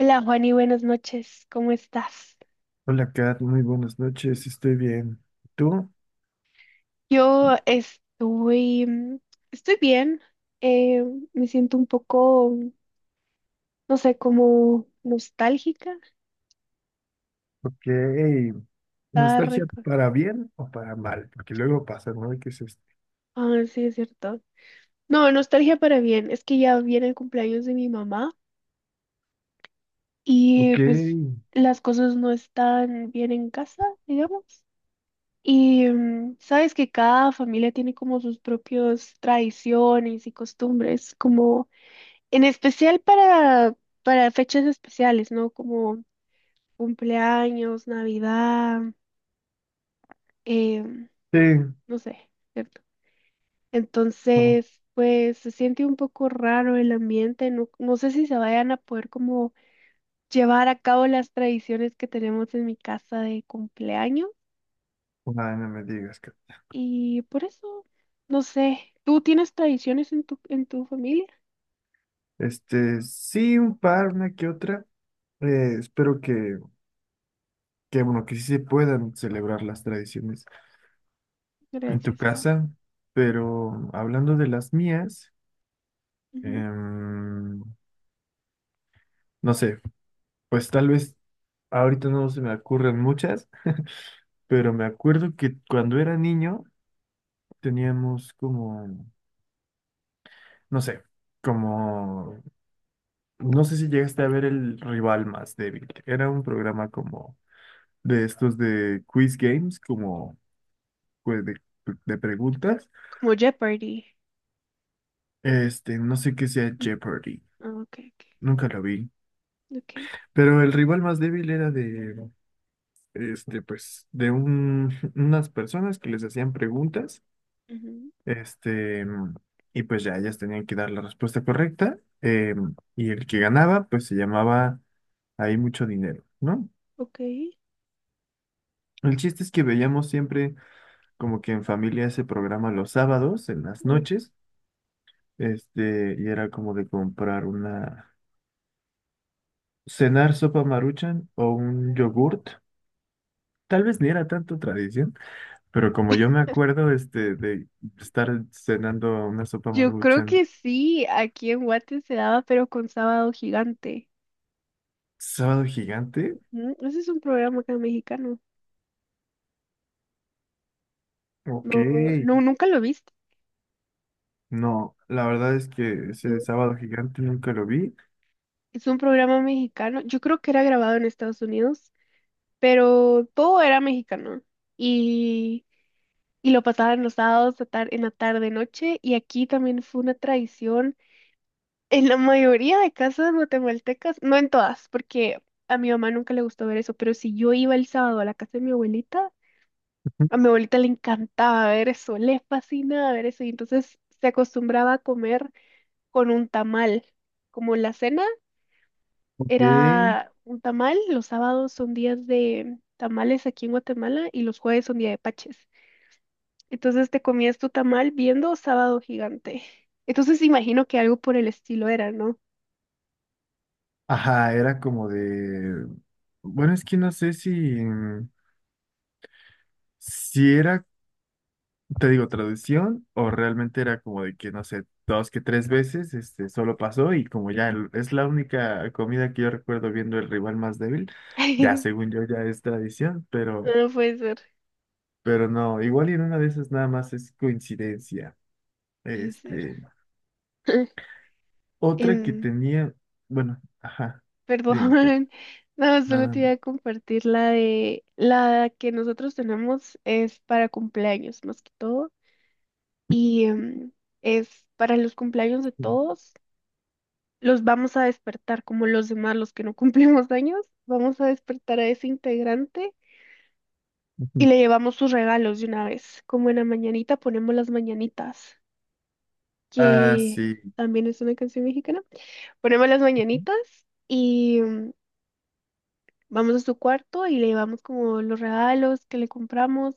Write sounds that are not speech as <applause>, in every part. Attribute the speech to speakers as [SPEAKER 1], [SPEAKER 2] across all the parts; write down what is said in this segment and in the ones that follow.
[SPEAKER 1] Hola Juani, buenas noches, ¿cómo estás?
[SPEAKER 2] Hola Kat, muy buenas noches, estoy bien. ¿Tú?
[SPEAKER 1] Yo estoy, estoy bien, eh, me siento un poco, no sé, como nostálgica.
[SPEAKER 2] Ok.
[SPEAKER 1] Ah,
[SPEAKER 2] ¿Nostalgia
[SPEAKER 1] reco-
[SPEAKER 2] para bien o para mal? Porque luego pasa, ¿no? ¿Qué es esto?
[SPEAKER 1] ah, sí, es cierto. No, nostalgia para bien, es que ya viene el cumpleaños de mi mamá y
[SPEAKER 2] Ok.
[SPEAKER 1] pues las cosas no están bien en casa, digamos. Y sabes que cada familia tiene como sus propias tradiciones y costumbres, como... En especial para fechas especiales, ¿no? Como cumpleaños, Navidad, em,
[SPEAKER 2] Sí.
[SPEAKER 1] no sé, ¿cierto?
[SPEAKER 2] No,
[SPEAKER 1] Entonces, pues se siente un poco raro el ambiente, no sé si se vayan a poder como llevar a cabo las tradiciones que tenemos en mi casa de cumpleaños
[SPEAKER 2] ay, no me digas, Kat.
[SPEAKER 1] y por eso, no sé, ¿tú tienes tradiciones en tu familia?
[SPEAKER 2] Sí, un par, una que otra. Espero que, bueno, que sí se puedan celebrar las tradiciones en tu
[SPEAKER 1] Gracias, Juan.
[SPEAKER 2] casa. Pero hablando de las mías,
[SPEAKER 1] Ujú.
[SPEAKER 2] em, no sé, pues tal vez ahorita no se me ocurren muchas. Pero me acuerdo que cuando era niño teníamos no sé, como, no sé si llegaste a ver el rival más débil. Era un programa como de estos de quiz games, como pues, de, de preguntas.
[SPEAKER 1] Como Jeopardy.
[SPEAKER 2] No sé qué sea Jeopardy,
[SPEAKER 1] Ah, ok,
[SPEAKER 2] nunca lo vi.
[SPEAKER 1] ok.
[SPEAKER 2] Pero el rival más débil era de <laughs> unas personas que les hacían preguntas.
[SPEAKER 1] Ujú,
[SPEAKER 2] Este, y pues ya ellas tenían que dar la respuesta correcta. Y el que ganaba, pues se llamaba ahí mucho dinero, ¿no?
[SPEAKER 1] ok.
[SPEAKER 2] El chiste es que veíamos siempre como que en familia ese programa los sábados, en las
[SPEAKER 1] Mm,
[SPEAKER 2] noches, y era como de cenar sopa Maruchan o un yogurt. Tal vez ni era tanto tradición, pero como yo me acuerdo, de estar cenando una sopa
[SPEAKER 1] yo creo
[SPEAKER 2] Maruchan.
[SPEAKER 1] que sí, aquí en Guate se daba, pero con Sábado Gigante.
[SPEAKER 2] Sábado gigante,
[SPEAKER 1] Ujú, ese es un programa acá mexicano.
[SPEAKER 2] ok.
[SPEAKER 1] No, no, nunca lo viste.
[SPEAKER 2] No, la verdad es que ese
[SPEAKER 1] No.
[SPEAKER 2] sábado gigante nunca lo vi.
[SPEAKER 1] Es un programa mexicano. Yo creo que era grabado en Estados Unidos, pero todo era mexicano. Y, y lo pasaban los sábados a en la tarde noche. Y aquí también fue una tradición. En la mayoría de casas guatemaltecas, no en todas, porque a mi mamá nunca le gustó ver eso, pero si yo iba el sábado a la casa de mi abuelita, a mi abuelita le encantaba ver eso, le fascinaba ver eso y entonces se acostumbraba a comer con un tamal. Como la cena
[SPEAKER 2] Ok.
[SPEAKER 1] era un tamal, los sábados son días de tamales aquí en Guatemala y los jueves son día de paches. Entonces te comías tu tamal viendo Sábado Gigante. Entonces imagino que algo por el estilo era, ¿no?
[SPEAKER 2] Ajá, era como de... Bueno, es que no sé si... Si era, te digo, traducción o realmente era como de que, no sé, dos que tres veces, solo pasó y como ya es la única comida que yo recuerdo viendo el rival más débil, ya
[SPEAKER 1] <laughs>
[SPEAKER 2] según yo ya es tradición,
[SPEAKER 1] No puede ser,
[SPEAKER 2] pero no, igual y en una de esas nada más es coincidencia.
[SPEAKER 1] puede ser.
[SPEAKER 2] Este,
[SPEAKER 1] <clears throat> <laughs>
[SPEAKER 2] Otra que
[SPEAKER 1] Em,
[SPEAKER 2] tenía, bueno, ajá, dime, Kat,
[SPEAKER 1] Perdón, <laughs> no, solo
[SPEAKER 2] nada
[SPEAKER 1] te iba
[SPEAKER 2] más.
[SPEAKER 1] a compartir la de la que nosotros tenemos es para cumpleaños más que todo y es para los cumpleaños de
[SPEAKER 2] Sí.
[SPEAKER 1] todos. Los vamos a despertar como los demás, los que no <laughs> cumplimos años. Vamos a despertar a ese integrante y
[SPEAKER 2] Ujú.
[SPEAKER 1] le llevamos sus regalos de una vez. Como en la mañanita ponemos las mañanitas,
[SPEAKER 2] Ah,
[SPEAKER 1] que
[SPEAKER 2] sí.
[SPEAKER 1] también es una canción mexicana. Ponemos las mañanitas. Y vamos a su cuarto y le llevamos como los regalos que le compramos.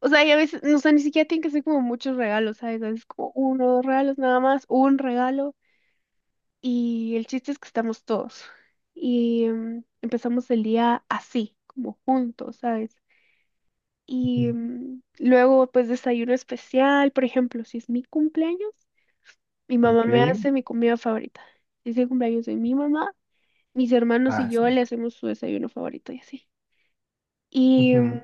[SPEAKER 1] O sea, y a veces, no, o sea, ni siquiera tienen que ser como muchos regalos, ¿sabes? A veces como uno o dos regalos nada más, un regalo. Y el chiste es que estamos todos. Y empezamos el día así, como juntos, ¿sabes?
[SPEAKER 2] Ujú.
[SPEAKER 1] Y luego, pues, desayuno especial, por ejemplo, si es mi cumpleaños, mi mamá me Ujú.
[SPEAKER 2] Ok.
[SPEAKER 1] Hace mi comida favorita. Si es el cumpleaños de mi mamá, mis hermanos y
[SPEAKER 2] Ah,
[SPEAKER 1] yo
[SPEAKER 2] sí.
[SPEAKER 1] le hacemos su desayuno favorito y así. Y
[SPEAKER 2] Ujú.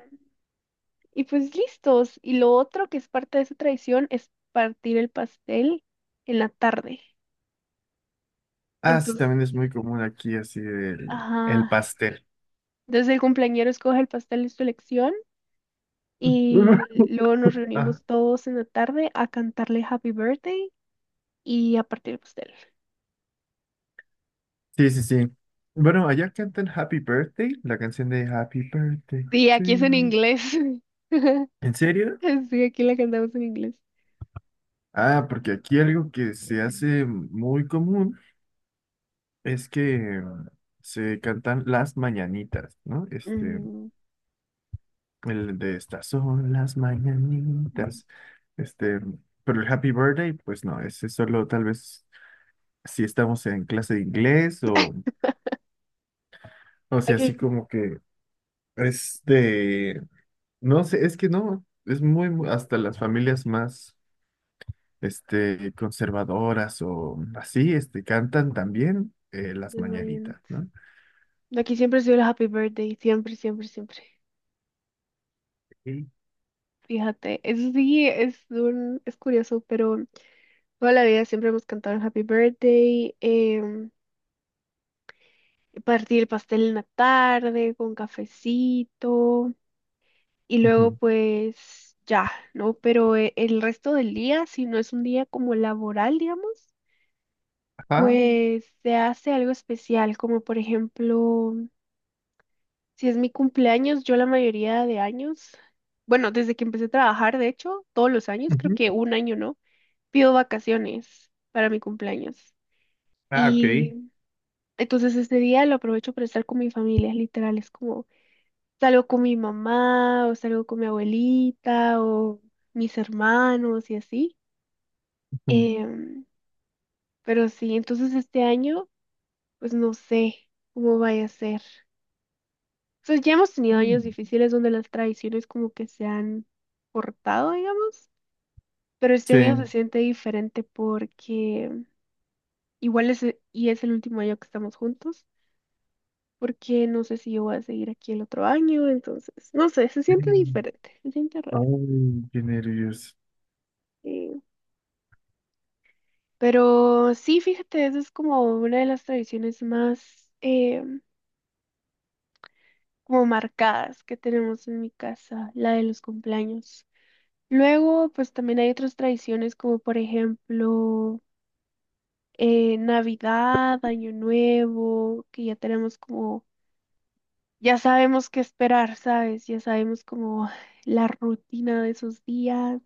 [SPEAKER 1] y pues listos. Y lo otro que es parte de esa tradición es partir el pastel en la tarde.
[SPEAKER 2] Ah, sí,
[SPEAKER 1] Entonces,
[SPEAKER 2] también es muy común aquí, así, el
[SPEAKER 1] ajá,
[SPEAKER 2] pastel.
[SPEAKER 1] entonces el cumpleañero escoge el pastel de su elección
[SPEAKER 2] <laughs> Ujú.
[SPEAKER 1] y luego nos
[SPEAKER 2] Ah,
[SPEAKER 1] reunimos todos en la tarde a cantarle Happy Birthday y a partir el pastel.
[SPEAKER 2] sí, sí, sí. Bueno, allá cantan Happy Birthday, la canción de Happy Birthday
[SPEAKER 1] Sí,
[SPEAKER 2] to
[SPEAKER 1] aquí es en
[SPEAKER 2] you.
[SPEAKER 1] inglés. <laughs>
[SPEAKER 2] ¿En serio?
[SPEAKER 1] Sí, aquí la cantamos en inglés.
[SPEAKER 2] Ah, porque aquí algo que se hace muy común es que se cantan las mañanitas, ¿no?
[SPEAKER 1] Mm,
[SPEAKER 2] El de estas son las
[SPEAKER 1] mm.
[SPEAKER 2] mañanitas. Este, pero el Happy Birthday, pues no, ese solo tal vez si estamos en clase de inglés o sea, así
[SPEAKER 1] Aquí,
[SPEAKER 2] como que es de, no sé, es que no, es muy, hasta las familias más, conservadoras o así, cantan también las
[SPEAKER 1] desmayando.
[SPEAKER 2] mañanitas, ¿no?
[SPEAKER 1] Aquí siempre ha sido el Happy Birthday, siempre, siempre, siempre.
[SPEAKER 2] Sí.
[SPEAKER 1] Fíjate, eso sí es es curioso, pero toda la vida siempre hemos cantado el Happy Birthday, partir el pastel en la tarde con cafecito y luego
[SPEAKER 2] Ujú.
[SPEAKER 1] pues ya, ¿no? Pero el resto del día, si no es un día como laboral, digamos,
[SPEAKER 2] Ajá.
[SPEAKER 1] pues se hace algo especial, como por ejemplo, si es mi cumpleaños, yo la mayoría de años, bueno, desde que empecé a trabajar, de hecho, todos los años, creo
[SPEAKER 2] Ujú.
[SPEAKER 1] que un año, ¿no? Pido vacaciones para mi cumpleaños.
[SPEAKER 2] Ah, ok.
[SPEAKER 1] Y entonces este día lo aprovecho para estar con mi familia, literal, es como salgo con mi mamá o salgo con mi abuelita o mis hermanos y así.
[SPEAKER 2] Ujú.
[SPEAKER 1] Em, pero sí, entonces este año, pues no sé cómo vaya a ser. Entonces ya hemos tenido años
[SPEAKER 2] Mm.
[SPEAKER 1] difíciles donde las tradiciones como que se han cortado, digamos, pero este
[SPEAKER 2] Sí.
[SPEAKER 1] año se siente diferente porque igual y es el último año que estamos juntos. Porque no sé si yo voy a seguir aquí el otro año, entonces, no sé, se siente
[SPEAKER 2] Mm.
[SPEAKER 1] diferente, se siente raro.
[SPEAKER 2] Ay, qué nervios.
[SPEAKER 1] eh, pero sí, fíjate, esa es como una de las tradiciones más como marcadas que tenemos en mi casa, la de los cumpleaños. Luego, pues también hay otras tradiciones como por ejemplo Navidad, Año Nuevo, que ya tenemos como, ya sabemos qué esperar, ¿sabes? Ya sabemos como la rutina de esos días.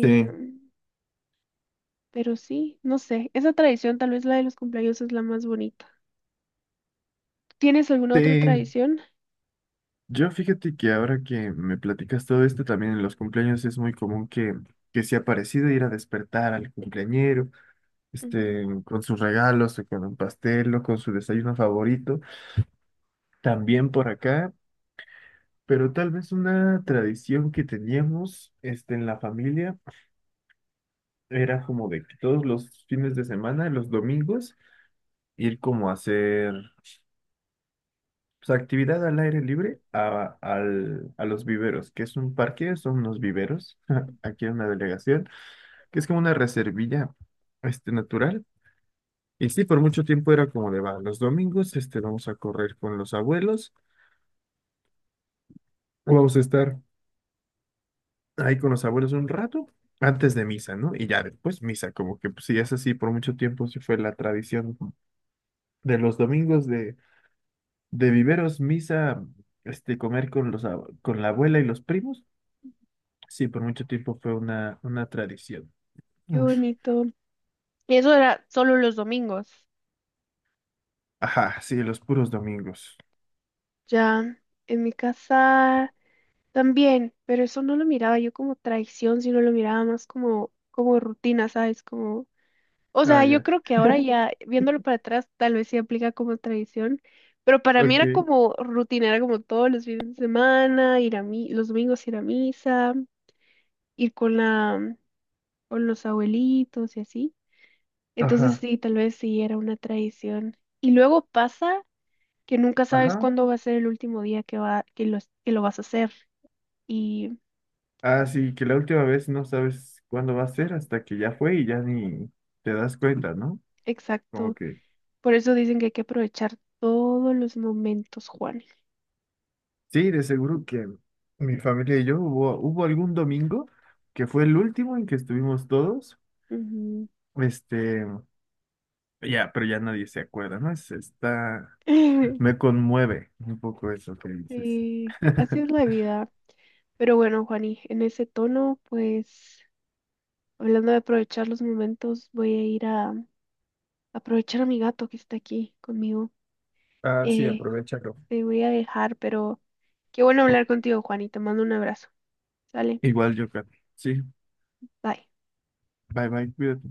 [SPEAKER 2] Sí,
[SPEAKER 1] Pero sí, no sé, esa tradición, tal vez la de los cumpleaños es la más bonita. ¿Tienes alguna otra
[SPEAKER 2] sí.
[SPEAKER 1] tradición?
[SPEAKER 2] Yo fíjate que ahora que me platicas todo esto, también en los cumpleaños es muy común que sea parecido ir a despertar al cumpleañero,
[SPEAKER 1] Mm,
[SPEAKER 2] con sus regalos, o con un pastel, o con su desayuno favorito, también por acá, pero tal vez una tradición que teníamos, en la familia era como de que todos los fines de semana, los domingos, ir como a hacer pues actividad al aire libre a los viveros, que es un parque, son unos viveros, <laughs> aquí en una delegación, que es como una reservilla natural. Y sí, por mucho tiempo era como de, va, los domingos vamos a correr con los abuelos, o vamos a estar ahí con los abuelos un rato antes de misa, ¿no? Y ya después misa, como que pues, sí, es así, por mucho tiempo sí fue la tradición de los domingos de viveros, misa, comer con con la abuela y los primos. Sí, por mucho tiempo fue una tradición.
[SPEAKER 1] qué
[SPEAKER 2] Ush.
[SPEAKER 1] bonito. Y eso era solo los domingos.
[SPEAKER 2] Ajá, sí, los puros domingos.
[SPEAKER 1] Ya, en mi casa también, pero eso no lo miraba yo como tradición, sino lo miraba más como, como rutina, ¿sabes? Como, o
[SPEAKER 2] Ah,
[SPEAKER 1] sea, yo
[SPEAKER 2] ya.
[SPEAKER 1] creo que ahora ya, viéndolo para atrás, tal vez sí aplica como tradición, pero para mí era
[SPEAKER 2] Ok.
[SPEAKER 1] como rutina, era como todos los fines de semana, ir a mi, los domingos ir a misa, ir con la o los abuelitos y así. Entonces
[SPEAKER 2] Ajá,
[SPEAKER 1] sí, tal vez sí era una tradición. Y luego pasa que nunca sabes
[SPEAKER 2] ajá.
[SPEAKER 1] cuándo va a ser el último día que va, que lo vas a hacer. Y
[SPEAKER 2] Ah, sí, que la última vez no sabes cuándo va a ser hasta que ya fue y ya ni te das cuenta, ¿no? Como
[SPEAKER 1] exacto.
[SPEAKER 2] que...
[SPEAKER 1] Por eso dicen que hay que aprovechar todos los momentos, Juan.
[SPEAKER 2] Sí, de seguro que mi familia y yo hubo algún domingo que fue el último en que estuvimos todos.
[SPEAKER 1] Ujú.
[SPEAKER 2] Este, ya, pero ya nadie se acuerda, ¿no? Es, está... Me
[SPEAKER 1] <laughs>
[SPEAKER 2] conmueve un poco eso que dices.
[SPEAKER 1] Sí, así
[SPEAKER 2] <laughs>
[SPEAKER 1] es la vida. Pero bueno, Juani, en ese tono, pues, hablando de aprovechar los momentos, voy a ir a aprovechar a mi gato que está aquí conmigo.
[SPEAKER 2] Ah, sí,
[SPEAKER 1] Eh,
[SPEAKER 2] aprovechalo.
[SPEAKER 1] Te voy a dejar, pero qué bueno hablar contigo, Juan, y te mando un abrazo. Sale,
[SPEAKER 2] Igual yo, creo. Sí,
[SPEAKER 1] bye.
[SPEAKER 2] bye bye, cuídate.